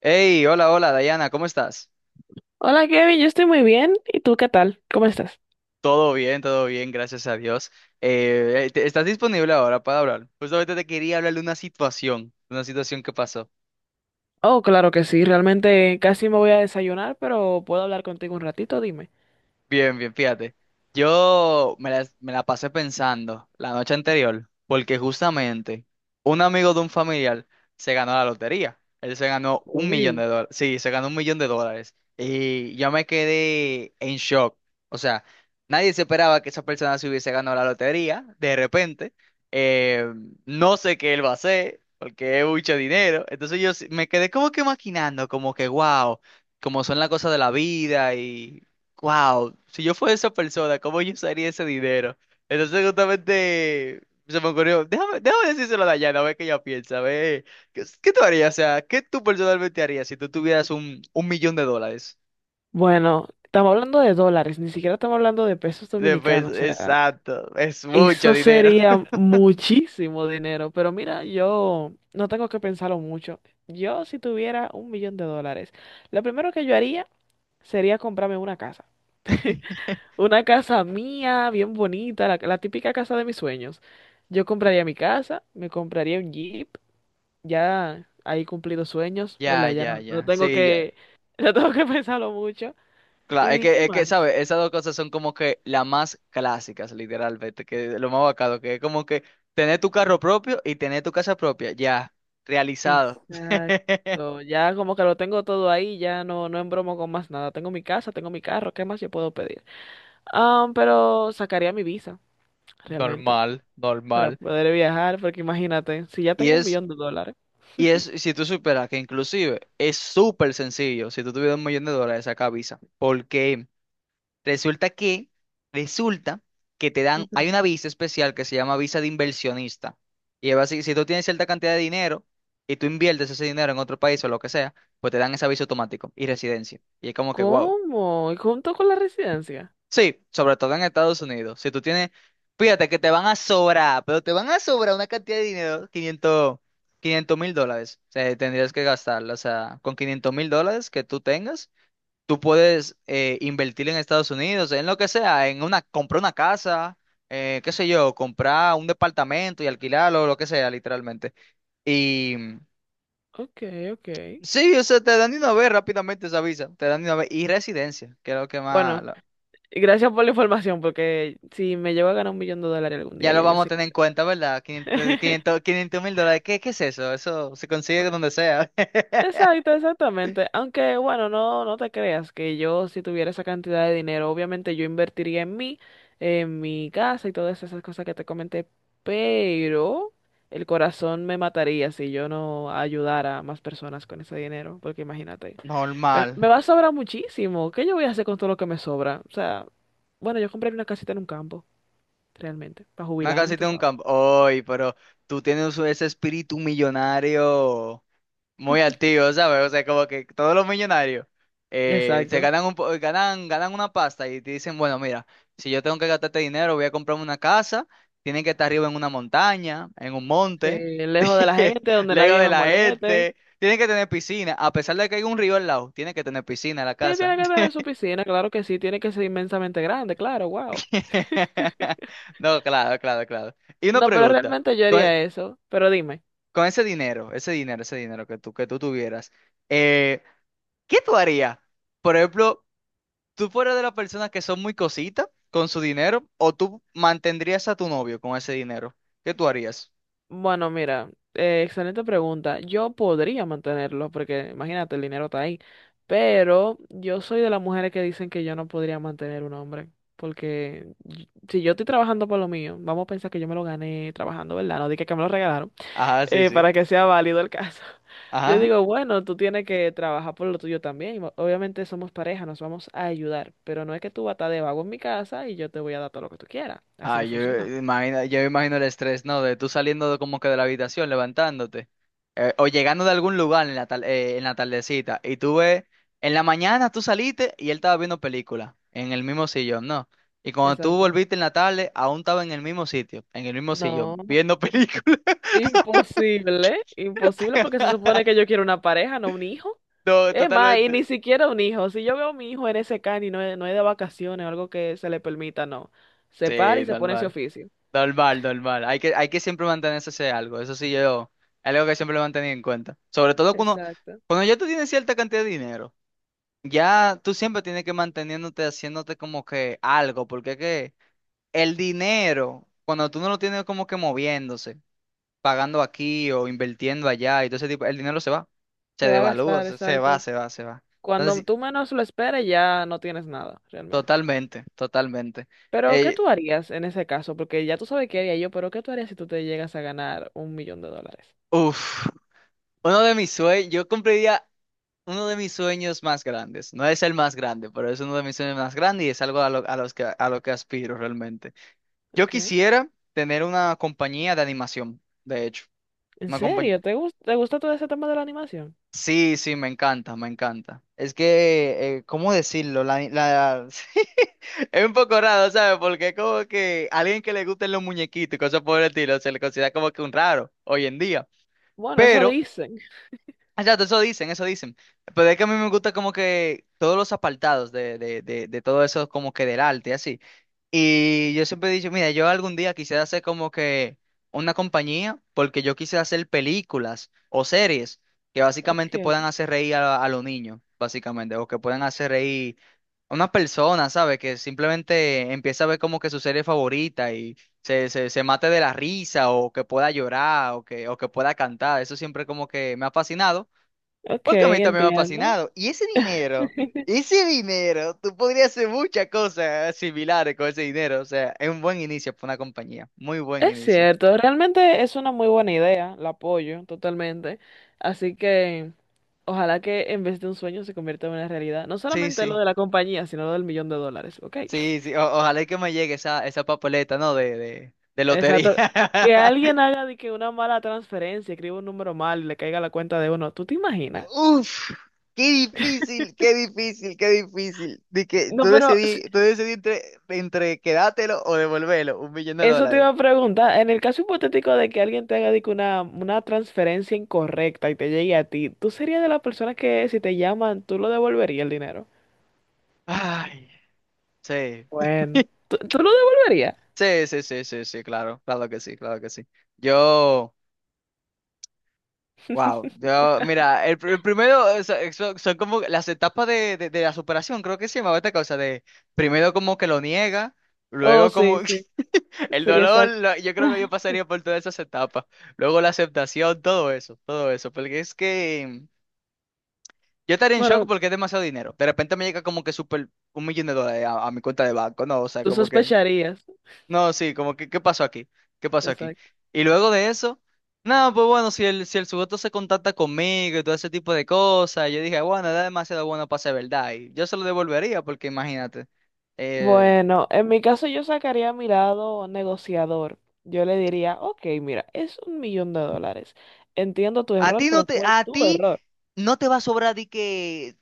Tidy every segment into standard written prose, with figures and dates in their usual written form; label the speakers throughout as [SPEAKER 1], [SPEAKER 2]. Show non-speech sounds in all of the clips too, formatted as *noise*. [SPEAKER 1] Hey, hola, hola, Dayana, ¿cómo estás?
[SPEAKER 2] Hola Kevin, yo estoy muy bien. ¿Y tú qué tal? ¿Cómo estás?
[SPEAKER 1] Todo bien, gracias a Dios. ¿Estás disponible ahora para hablar? Justamente te quería hablar de una situación que pasó.
[SPEAKER 2] Oh, claro que sí, realmente casi me voy a desayunar, pero puedo hablar contigo un ratito, dime.
[SPEAKER 1] Bien, bien, fíjate. Yo me la pasé pensando la noche anterior, porque justamente un amigo de un familiar se ganó la lotería. Él se ganó un millón de
[SPEAKER 2] Uy.
[SPEAKER 1] dólares. Sí, se ganó $1,000,000. Y yo me quedé en shock. O sea, nadie se esperaba que esa persona se hubiese ganado la lotería de repente. Eh, no sé qué él va a hacer, porque es mucho dinero. Entonces me quedé como que maquinando, como que wow, como son las cosas de la vida. Y wow, si yo fuera esa persona, ¿cómo yo usaría ese dinero? Entonces justamente se me ocurrió, déjame decírselo a Dayana, a ver qué ella piensa, a ver, ¿qué tú harías? O sea, ¿qué tú personalmente harías si tú tuvieras un millón de dólares?
[SPEAKER 2] Bueno, estamos hablando de dólares, ni siquiera estamos hablando de pesos dominicanos, o sea,
[SPEAKER 1] Exacto, es mucho
[SPEAKER 2] eso
[SPEAKER 1] dinero.
[SPEAKER 2] sería muchísimo dinero, pero mira, yo no tengo que pensarlo mucho. Yo si tuviera un millón de dólares, lo primero que yo haría sería comprarme una casa.
[SPEAKER 1] *laughs*
[SPEAKER 2] Una casa mía, bien bonita, la típica casa de mis sueños. Yo compraría mi casa, me compraría un Jeep, ya ahí cumplido sueños,
[SPEAKER 1] Ya,
[SPEAKER 2] ¿verdad? Ya
[SPEAKER 1] ya,
[SPEAKER 2] no, no
[SPEAKER 1] ya,
[SPEAKER 2] tengo
[SPEAKER 1] sí, ya.
[SPEAKER 2] que, *laughs* no tengo que pensarlo mucho.
[SPEAKER 1] Claro, es
[SPEAKER 2] ¿Y qué
[SPEAKER 1] que, es que,
[SPEAKER 2] más?
[SPEAKER 1] ¿sabes? Esas dos cosas son como que las más clásicas, literalmente, que lo más bacano, que es como que tener tu carro propio y tener tu casa propia, ya, realizado. *laughs*
[SPEAKER 2] Exacto, ya como que lo tengo todo ahí, ya no, no embromo con más nada. Tengo mi casa, tengo mi carro, ¿qué más yo puedo pedir? Ah, pero sacaría mi visa, realmente,
[SPEAKER 1] Normal,
[SPEAKER 2] para
[SPEAKER 1] normal.
[SPEAKER 2] poder viajar, porque imagínate, si ya
[SPEAKER 1] Y
[SPEAKER 2] tengo un
[SPEAKER 1] es,
[SPEAKER 2] millón de dólares.
[SPEAKER 1] y es, si tú superas que inclusive es súper sencillo, si tú tuvieras $1,000,000, saca visa. Porque resulta que, resulta que te dan, hay
[SPEAKER 2] Ujú.
[SPEAKER 1] una visa especial que se llama visa de inversionista. Y es así, si tú tienes cierta cantidad de dinero y tú inviertes ese dinero en otro país o lo que sea, pues te dan esa visa automático y residencia. Y es como que, wow.
[SPEAKER 2] ¿Cómo? ¿Y junto con la residencia?
[SPEAKER 1] Sí, sobre todo en Estados Unidos. Si tú tienes, fíjate que te van a sobrar, pero te van a sobrar una cantidad de dinero, quinientos mil dólares. O sea, tendrías que gastarlo. O sea, con $500,000 que tú tengas, tú puedes invertir en Estados Unidos, en lo que sea, en una, comprar una casa, qué sé yo, comprar un departamento y alquilarlo, lo que sea, literalmente. Y
[SPEAKER 2] Ok, ok.
[SPEAKER 1] sí, o sea, te dan de una vez rápidamente esa visa, te dan de una vez y residencia, que es lo que más.
[SPEAKER 2] Bueno, y gracias por la información, porque si me llevo a ganar un millón de dólares algún día,
[SPEAKER 1] Ya lo
[SPEAKER 2] ya yo
[SPEAKER 1] vamos a
[SPEAKER 2] sé que
[SPEAKER 1] tener en
[SPEAKER 2] sé.
[SPEAKER 1] cuenta, ¿verdad? 500,
[SPEAKER 2] *laughs*
[SPEAKER 1] 500, 500 mil dólares. ¿Qué, qué es eso? Eso se consigue donde sea. *laughs*
[SPEAKER 2] Exacto, exactamente. Aunque, bueno, no, no te creas que yo si tuviera esa cantidad de dinero, obviamente yo invertiría en mí, en mi casa y todas esas cosas que te comenté, pero el corazón me mataría si yo no ayudara a más personas con ese dinero, porque imagínate.
[SPEAKER 1] Normal.
[SPEAKER 2] Me va a sobrar muchísimo. ¿Qué yo voy a hacer con todo lo que me sobra? O sea, bueno, yo compré una casita en un campo, realmente, para
[SPEAKER 1] Una
[SPEAKER 2] jubilarme,
[SPEAKER 1] casita
[SPEAKER 2] tú
[SPEAKER 1] en un
[SPEAKER 2] sabes.
[SPEAKER 1] campo. Oy, pero tú tienes ese espíritu millonario muy activo, ¿sabes? O sea, como que todos los millonarios se
[SPEAKER 2] Exacto.
[SPEAKER 1] ganan un po- ganan, ganan una pasta y te dicen, bueno, mira, si yo tengo que gastar este dinero, voy a comprarme una casa, tienen que estar arriba en una montaña, en un
[SPEAKER 2] Sí,
[SPEAKER 1] monte,
[SPEAKER 2] lejos de la
[SPEAKER 1] *laughs*
[SPEAKER 2] gente, donde
[SPEAKER 1] lejos
[SPEAKER 2] nadie
[SPEAKER 1] de
[SPEAKER 2] me
[SPEAKER 1] la
[SPEAKER 2] moleste.
[SPEAKER 1] gente, tienen que tener piscina, a pesar de que hay un río al lado, tiene que tener piscina en la
[SPEAKER 2] Sí,
[SPEAKER 1] casa.
[SPEAKER 2] tiene que tener su piscina, claro que sí, tiene que ser inmensamente grande, claro, wow.
[SPEAKER 1] *laughs* No, claro, claro, claro. Y una
[SPEAKER 2] No, pero
[SPEAKER 1] pregunta,
[SPEAKER 2] realmente yo
[SPEAKER 1] con,
[SPEAKER 2] haría eso. Pero dime.
[SPEAKER 1] con ese dinero, ese dinero, ese dinero que tú tuvieras, eh, ¿qué tú harías? Por ejemplo, ¿tú fueras de las personas que son muy cositas con su dinero o tú mantendrías a tu novio con ese dinero? ¿Qué tú harías?
[SPEAKER 2] Bueno, mira, excelente pregunta. Yo podría mantenerlo, porque imagínate, el dinero está ahí. Pero yo soy de las mujeres que dicen que yo no podría mantener un hombre. Porque si yo estoy trabajando por lo mío, vamos a pensar que yo me lo gané trabajando, ¿verdad? No dije que me lo regalaron,
[SPEAKER 1] Ajá, sí, sí.
[SPEAKER 2] para que sea válido el caso. *laughs* Yo
[SPEAKER 1] Ajá.
[SPEAKER 2] digo, bueno, tú tienes que trabajar por lo tuyo también. Obviamente somos pareja, nos vamos a ayudar. Pero no es que tú vas a estar de vago en mi casa y yo te voy a dar todo lo que tú quieras. Así
[SPEAKER 1] Ah,
[SPEAKER 2] no
[SPEAKER 1] yo
[SPEAKER 2] funciona.
[SPEAKER 1] imagino, yo imagino el estrés, ¿no? De tú saliendo como que de la habitación, levantándote, o llegando de algún lugar en la tardecita, y tú ves, en la mañana tú saliste y él estaba viendo película, en el mismo sillón, ¿no? Y cuando tú
[SPEAKER 2] Exacto.
[SPEAKER 1] volviste en la tarde, aún estaba en el mismo sitio, en el mismo
[SPEAKER 2] No.
[SPEAKER 1] sillón, viendo película.
[SPEAKER 2] Imposible, imposible porque se
[SPEAKER 1] *laughs*
[SPEAKER 2] supone que yo quiero una pareja, no un hijo.
[SPEAKER 1] No,
[SPEAKER 2] Es más, y ni
[SPEAKER 1] totalmente.
[SPEAKER 2] siquiera un hijo. Si yo veo a mi hijo en ese can y no es de vacaciones o algo que se le permita, no. Se para
[SPEAKER 1] Sí,
[SPEAKER 2] y se pone ese
[SPEAKER 1] normal.
[SPEAKER 2] oficio.
[SPEAKER 1] Normal, normal. Hay que siempre mantenerse ese algo. Eso sí, yo, algo que siempre lo he mantenido en cuenta. Sobre todo cuando,
[SPEAKER 2] Exacto.
[SPEAKER 1] cuando ya tú tienes cierta cantidad de dinero, ya tú siempre tienes que manteniéndote, haciéndote como que algo, porque es que el dinero, cuando tú no lo tienes como que moviéndose, pagando aquí o invirtiendo allá y todo ese tipo, el dinero se va, se
[SPEAKER 2] Se va a
[SPEAKER 1] devalúa,
[SPEAKER 2] gastar,
[SPEAKER 1] se va,
[SPEAKER 2] exacto.
[SPEAKER 1] se va, se va.
[SPEAKER 2] Cuando
[SPEAKER 1] Entonces, sí,
[SPEAKER 2] tú menos lo esperes, ya no tienes nada, realmente.
[SPEAKER 1] totalmente, totalmente.
[SPEAKER 2] Pero, ¿qué
[SPEAKER 1] Eh,
[SPEAKER 2] tú harías en ese caso? Porque ya tú sabes qué haría yo, pero ¿qué tú harías si tú te llegas a ganar un millón de dólares?
[SPEAKER 1] Uf. Uno de mis sueños, yo cumpliría Uno de mis sueños más grandes, no es el más grande, pero es uno de mis sueños más grandes y es algo a lo que aspiro realmente. Yo
[SPEAKER 2] Ok.
[SPEAKER 1] quisiera tener una compañía de animación, de hecho.
[SPEAKER 2] ¿En
[SPEAKER 1] Una compañía.
[SPEAKER 2] serio? ¿Te gusta todo ese tema de la animación?
[SPEAKER 1] Sí, sí, me encanta, me encanta. Es que, ¿cómo decirlo? *laughs* Es un poco raro, ¿sabes? Porque es como que alguien que le gusten los muñequitos y cosas por el estilo se le considera como que un raro hoy en día.
[SPEAKER 2] Bueno, eso
[SPEAKER 1] Pero
[SPEAKER 2] dicen.
[SPEAKER 1] exacto, eso dicen, eso dicen. Pero es que a mí me gusta como que todos los apartados de todo eso, como que del arte, así. Y yo siempre he dicho, mira, yo algún día quisiera hacer como que una compañía, porque yo quisiera hacer películas o series que
[SPEAKER 2] Ok.
[SPEAKER 1] básicamente puedan hacer reír a los niños, básicamente, o que puedan hacer reír a una persona, ¿sabes? Que simplemente empieza a ver como que su serie favorita y se mate de la risa, o que pueda llorar, o que, pueda cantar. Eso siempre como que me ha fascinado.
[SPEAKER 2] Ok,
[SPEAKER 1] Porque a mí también me ha
[SPEAKER 2] entiendo.
[SPEAKER 1] fascinado. Y
[SPEAKER 2] *laughs*
[SPEAKER 1] ese dinero, tú podrías hacer muchas cosas similares con ese dinero. O sea, es un buen inicio para una compañía. Muy buen
[SPEAKER 2] Es
[SPEAKER 1] inicio.
[SPEAKER 2] cierto, realmente es una muy buena idea, la apoyo totalmente. Así que ojalá que en vez de un sueño se convierta en una realidad. No
[SPEAKER 1] Sí,
[SPEAKER 2] solamente lo
[SPEAKER 1] sí.
[SPEAKER 2] de la compañía, sino lo del millón de dólares, ¿ok?
[SPEAKER 1] Sí, sí.
[SPEAKER 2] *laughs*
[SPEAKER 1] Ojalá y que me llegue esa papeleta, ¿no? De lotería.
[SPEAKER 2] Exacto. Que alguien
[SPEAKER 1] *laughs*
[SPEAKER 2] haga de que una mala transferencia, escriba un número mal y le caiga a la cuenta de uno. ¿Tú te imaginas?
[SPEAKER 1] Uf, qué difícil, qué difícil, qué difícil. De que tú
[SPEAKER 2] No, pero si,
[SPEAKER 1] decidí, tú decidí entre quedártelo o devolverlo, un millón de
[SPEAKER 2] eso te
[SPEAKER 1] dólares.
[SPEAKER 2] iba a preguntar. En el caso hipotético de que alguien te haga de que una transferencia incorrecta y te llegue a ti, ¿tú serías de las personas que si te llaman, tú lo devolverías el dinero?
[SPEAKER 1] Ay, sí.
[SPEAKER 2] Bueno, ¿tú lo devolverías?
[SPEAKER 1] Sí, sí, sí, sí, sí, claro, claro que sí, claro que sí. Yo, wow,
[SPEAKER 2] *laughs*
[SPEAKER 1] yo, mira, el primero son como las etapas de la superación, creo que se llamaba esta cosa de primero como que lo niega,
[SPEAKER 2] Oh,
[SPEAKER 1] luego
[SPEAKER 2] sí,
[SPEAKER 1] como
[SPEAKER 2] sí,
[SPEAKER 1] *laughs* el
[SPEAKER 2] sí,
[SPEAKER 1] dolor,
[SPEAKER 2] exacto.
[SPEAKER 1] yo creo que yo
[SPEAKER 2] *laughs*
[SPEAKER 1] pasaría por todas esas etapas, luego la aceptación, todo eso, porque es que yo estaría en shock
[SPEAKER 2] Bueno,
[SPEAKER 1] porque es demasiado dinero. De repente me llega como que super $1,000,000 a mi cuenta de banco, ¿no? O sea,
[SPEAKER 2] tú
[SPEAKER 1] como que.
[SPEAKER 2] sospecharías.
[SPEAKER 1] No, sí, como que, ¿qué pasó aquí? ¿Qué pasó aquí?
[SPEAKER 2] Exacto.
[SPEAKER 1] Y luego de eso, no, pues bueno, si el sujeto se contacta conmigo y todo ese tipo de cosas, yo dije, bueno, era demasiado bueno para ser verdad. Y yo se lo devolvería, porque imagínate, eh,
[SPEAKER 2] Bueno, en mi caso yo sacaría a mi lado negociador. Yo le diría, ok, mira, es un millón de dólares. Entiendo tu
[SPEAKER 1] a
[SPEAKER 2] error,
[SPEAKER 1] ti no
[SPEAKER 2] pero
[SPEAKER 1] te,
[SPEAKER 2] fue
[SPEAKER 1] a
[SPEAKER 2] tu
[SPEAKER 1] ti
[SPEAKER 2] error.
[SPEAKER 1] no te va a sobrar di que,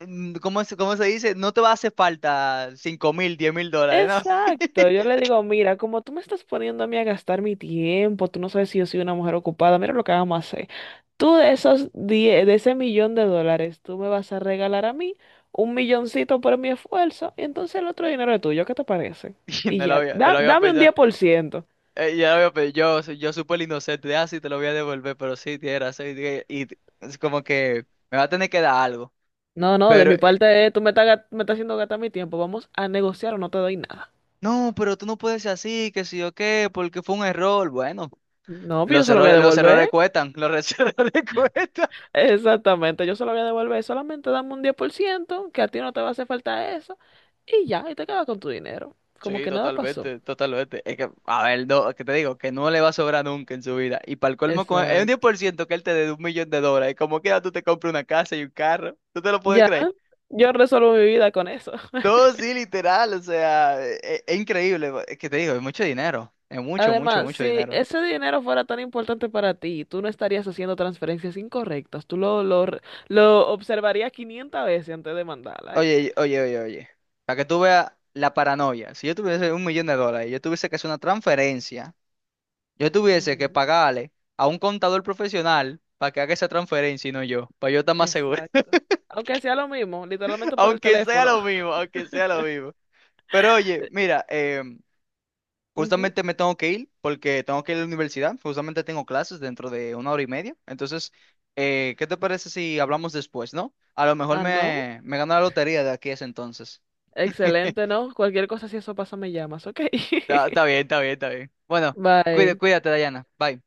[SPEAKER 1] ¿cómo se dice? No te va a hacer falta $5,000, $10,000, ¿no?
[SPEAKER 2] Exacto, yo
[SPEAKER 1] *laughs*
[SPEAKER 2] le digo, mira, como tú me estás poniendo a mí a gastar mi tiempo, tú no sabes si yo soy una mujer ocupada, mira lo que vamos a hacer. Tú de esos de ese millón de dólares, tú me vas a regalar a mí un milloncito por mi esfuerzo y entonces el otro dinero es tuyo, ¿qué te parece?
[SPEAKER 1] Y
[SPEAKER 2] Y
[SPEAKER 1] No lo
[SPEAKER 2] ya,
[SPEAKER 1] había, no lo había
[SPEAKER 2] dame un
[SPEAKER 1] pensado.
[SPEAKER 2] 10%.
[SPEAKER 1] Ya veo, pero yo súper inocente, de, ah, sí, te lo voy a devolver, pero sí, tienes razón, y es como que me va a tener que dar algo,
[SPEAKER 2] No, no, de
[SPEAKER 1] pero,
[SPEAKER 2] mi parte, tú me estás, me estás haciendo gastar mi tiempo, vamos a negociar o no te doy nada.
[SPEAKER 1] no, pero tú no puedes ser así, que sí o qué, porque fue un error, bueno,
[SPEAKER 2] No, pues yo
[SPEAKER 1] los
[SPEAKER 2] se lo voy a
[SPEAKER 1] errores, los
[SPEAKER 2] devolver.
[SPEAKER 1] errores cuestan, los *laughs* errores cuestan.
[SPEAKER 2] Exactamente, yo se lo voy a devolver. Solamente dame un 10% que a ti no te va a hacer falta eso. Y ya, y te quedas con tu dinero. Como
[SPEAKER 1] Sí,
[SPEAKER 2] que nada pasó.
[SPEAKER 1] totalmente, totalmente, es que, a ver, no, que te digo, que no le va a sobrar nunca en su vida, y para el colmo, es un diez
[SPEAKER 2] Exacto.
[SPEAKER 1] por ciento que él te dé $1,000,000, y como quiera tú te compras una casa y un carro, ¿tú te lo puedes
[SPEAKER 2] Ya,
[SPEAKER 1] creer?
[SPEAKER 2] yo resuelvo mi vida con eso. *laughs*
[SPEAKER 1] No, sí, literal, o sea, es, increíble, es que te digo, es mucho dinero, es mucho, mucho,
[SPEAKER 2] Además,
[SPEAKER 1] mucho
[SPEAKER 2] si
[SPEAKER 1] dinero.
[SPEAKER 2] ese dinero fuera tan importante para ti, tú no estarías haciendo transferencias incorrectas. Tú lo observarías 500 veces antes de mandarla, ¿eh?
[SPEAKER 1] Oye, oye, oye, oye, para que tú veas la paranoia, si yo tuviese $1,000,000, yo tuviese que hacer una transferencia, yo tuviese que
[SPEAKER 2] Ujú,
[SPEAKER 1] pagarle a un contador profesional para que haga esa transferencia y no yo, para yo estar más seguro,
[SPEAKER 2] exacto. Aunque sea lo mismo,
[SPEAKER 1] *laughs*
[SPEAKER 2] literalmente por el
[SPEAKER 1] aunque sea
[SPEAKER 2] teléfono.
[SPEAKER 1] lo mismo, aunque sea lo mismo. Pero oye, mira,
[SPEAKER 2] *laughs* Ujú.
[SPEAKER 1] justamente me tengo que ir porque tengo que ir a la universidad. Justamente tengo clases dentro de una hora y media. Entonces, ¿qué te parece si hablamos después, no? A lo mejor
[SPEAKER 2] Ah, no.
[SPEAKER 1] me gano la lotería de aquí a ese entonces.
[SPEAKER 2] Excelente, ¿no? Cualquier cosa, si eso pasa, me llamas, ¿ok?
[SPEAKER 1] Está bien, está bien, está bien.
[SPEAKER 2] *laughs*
[SPEAKER 1] Bueno,
[SPEAKER 2] Bye.
[SPEAKER 1] cuídate, Dayana. Bye.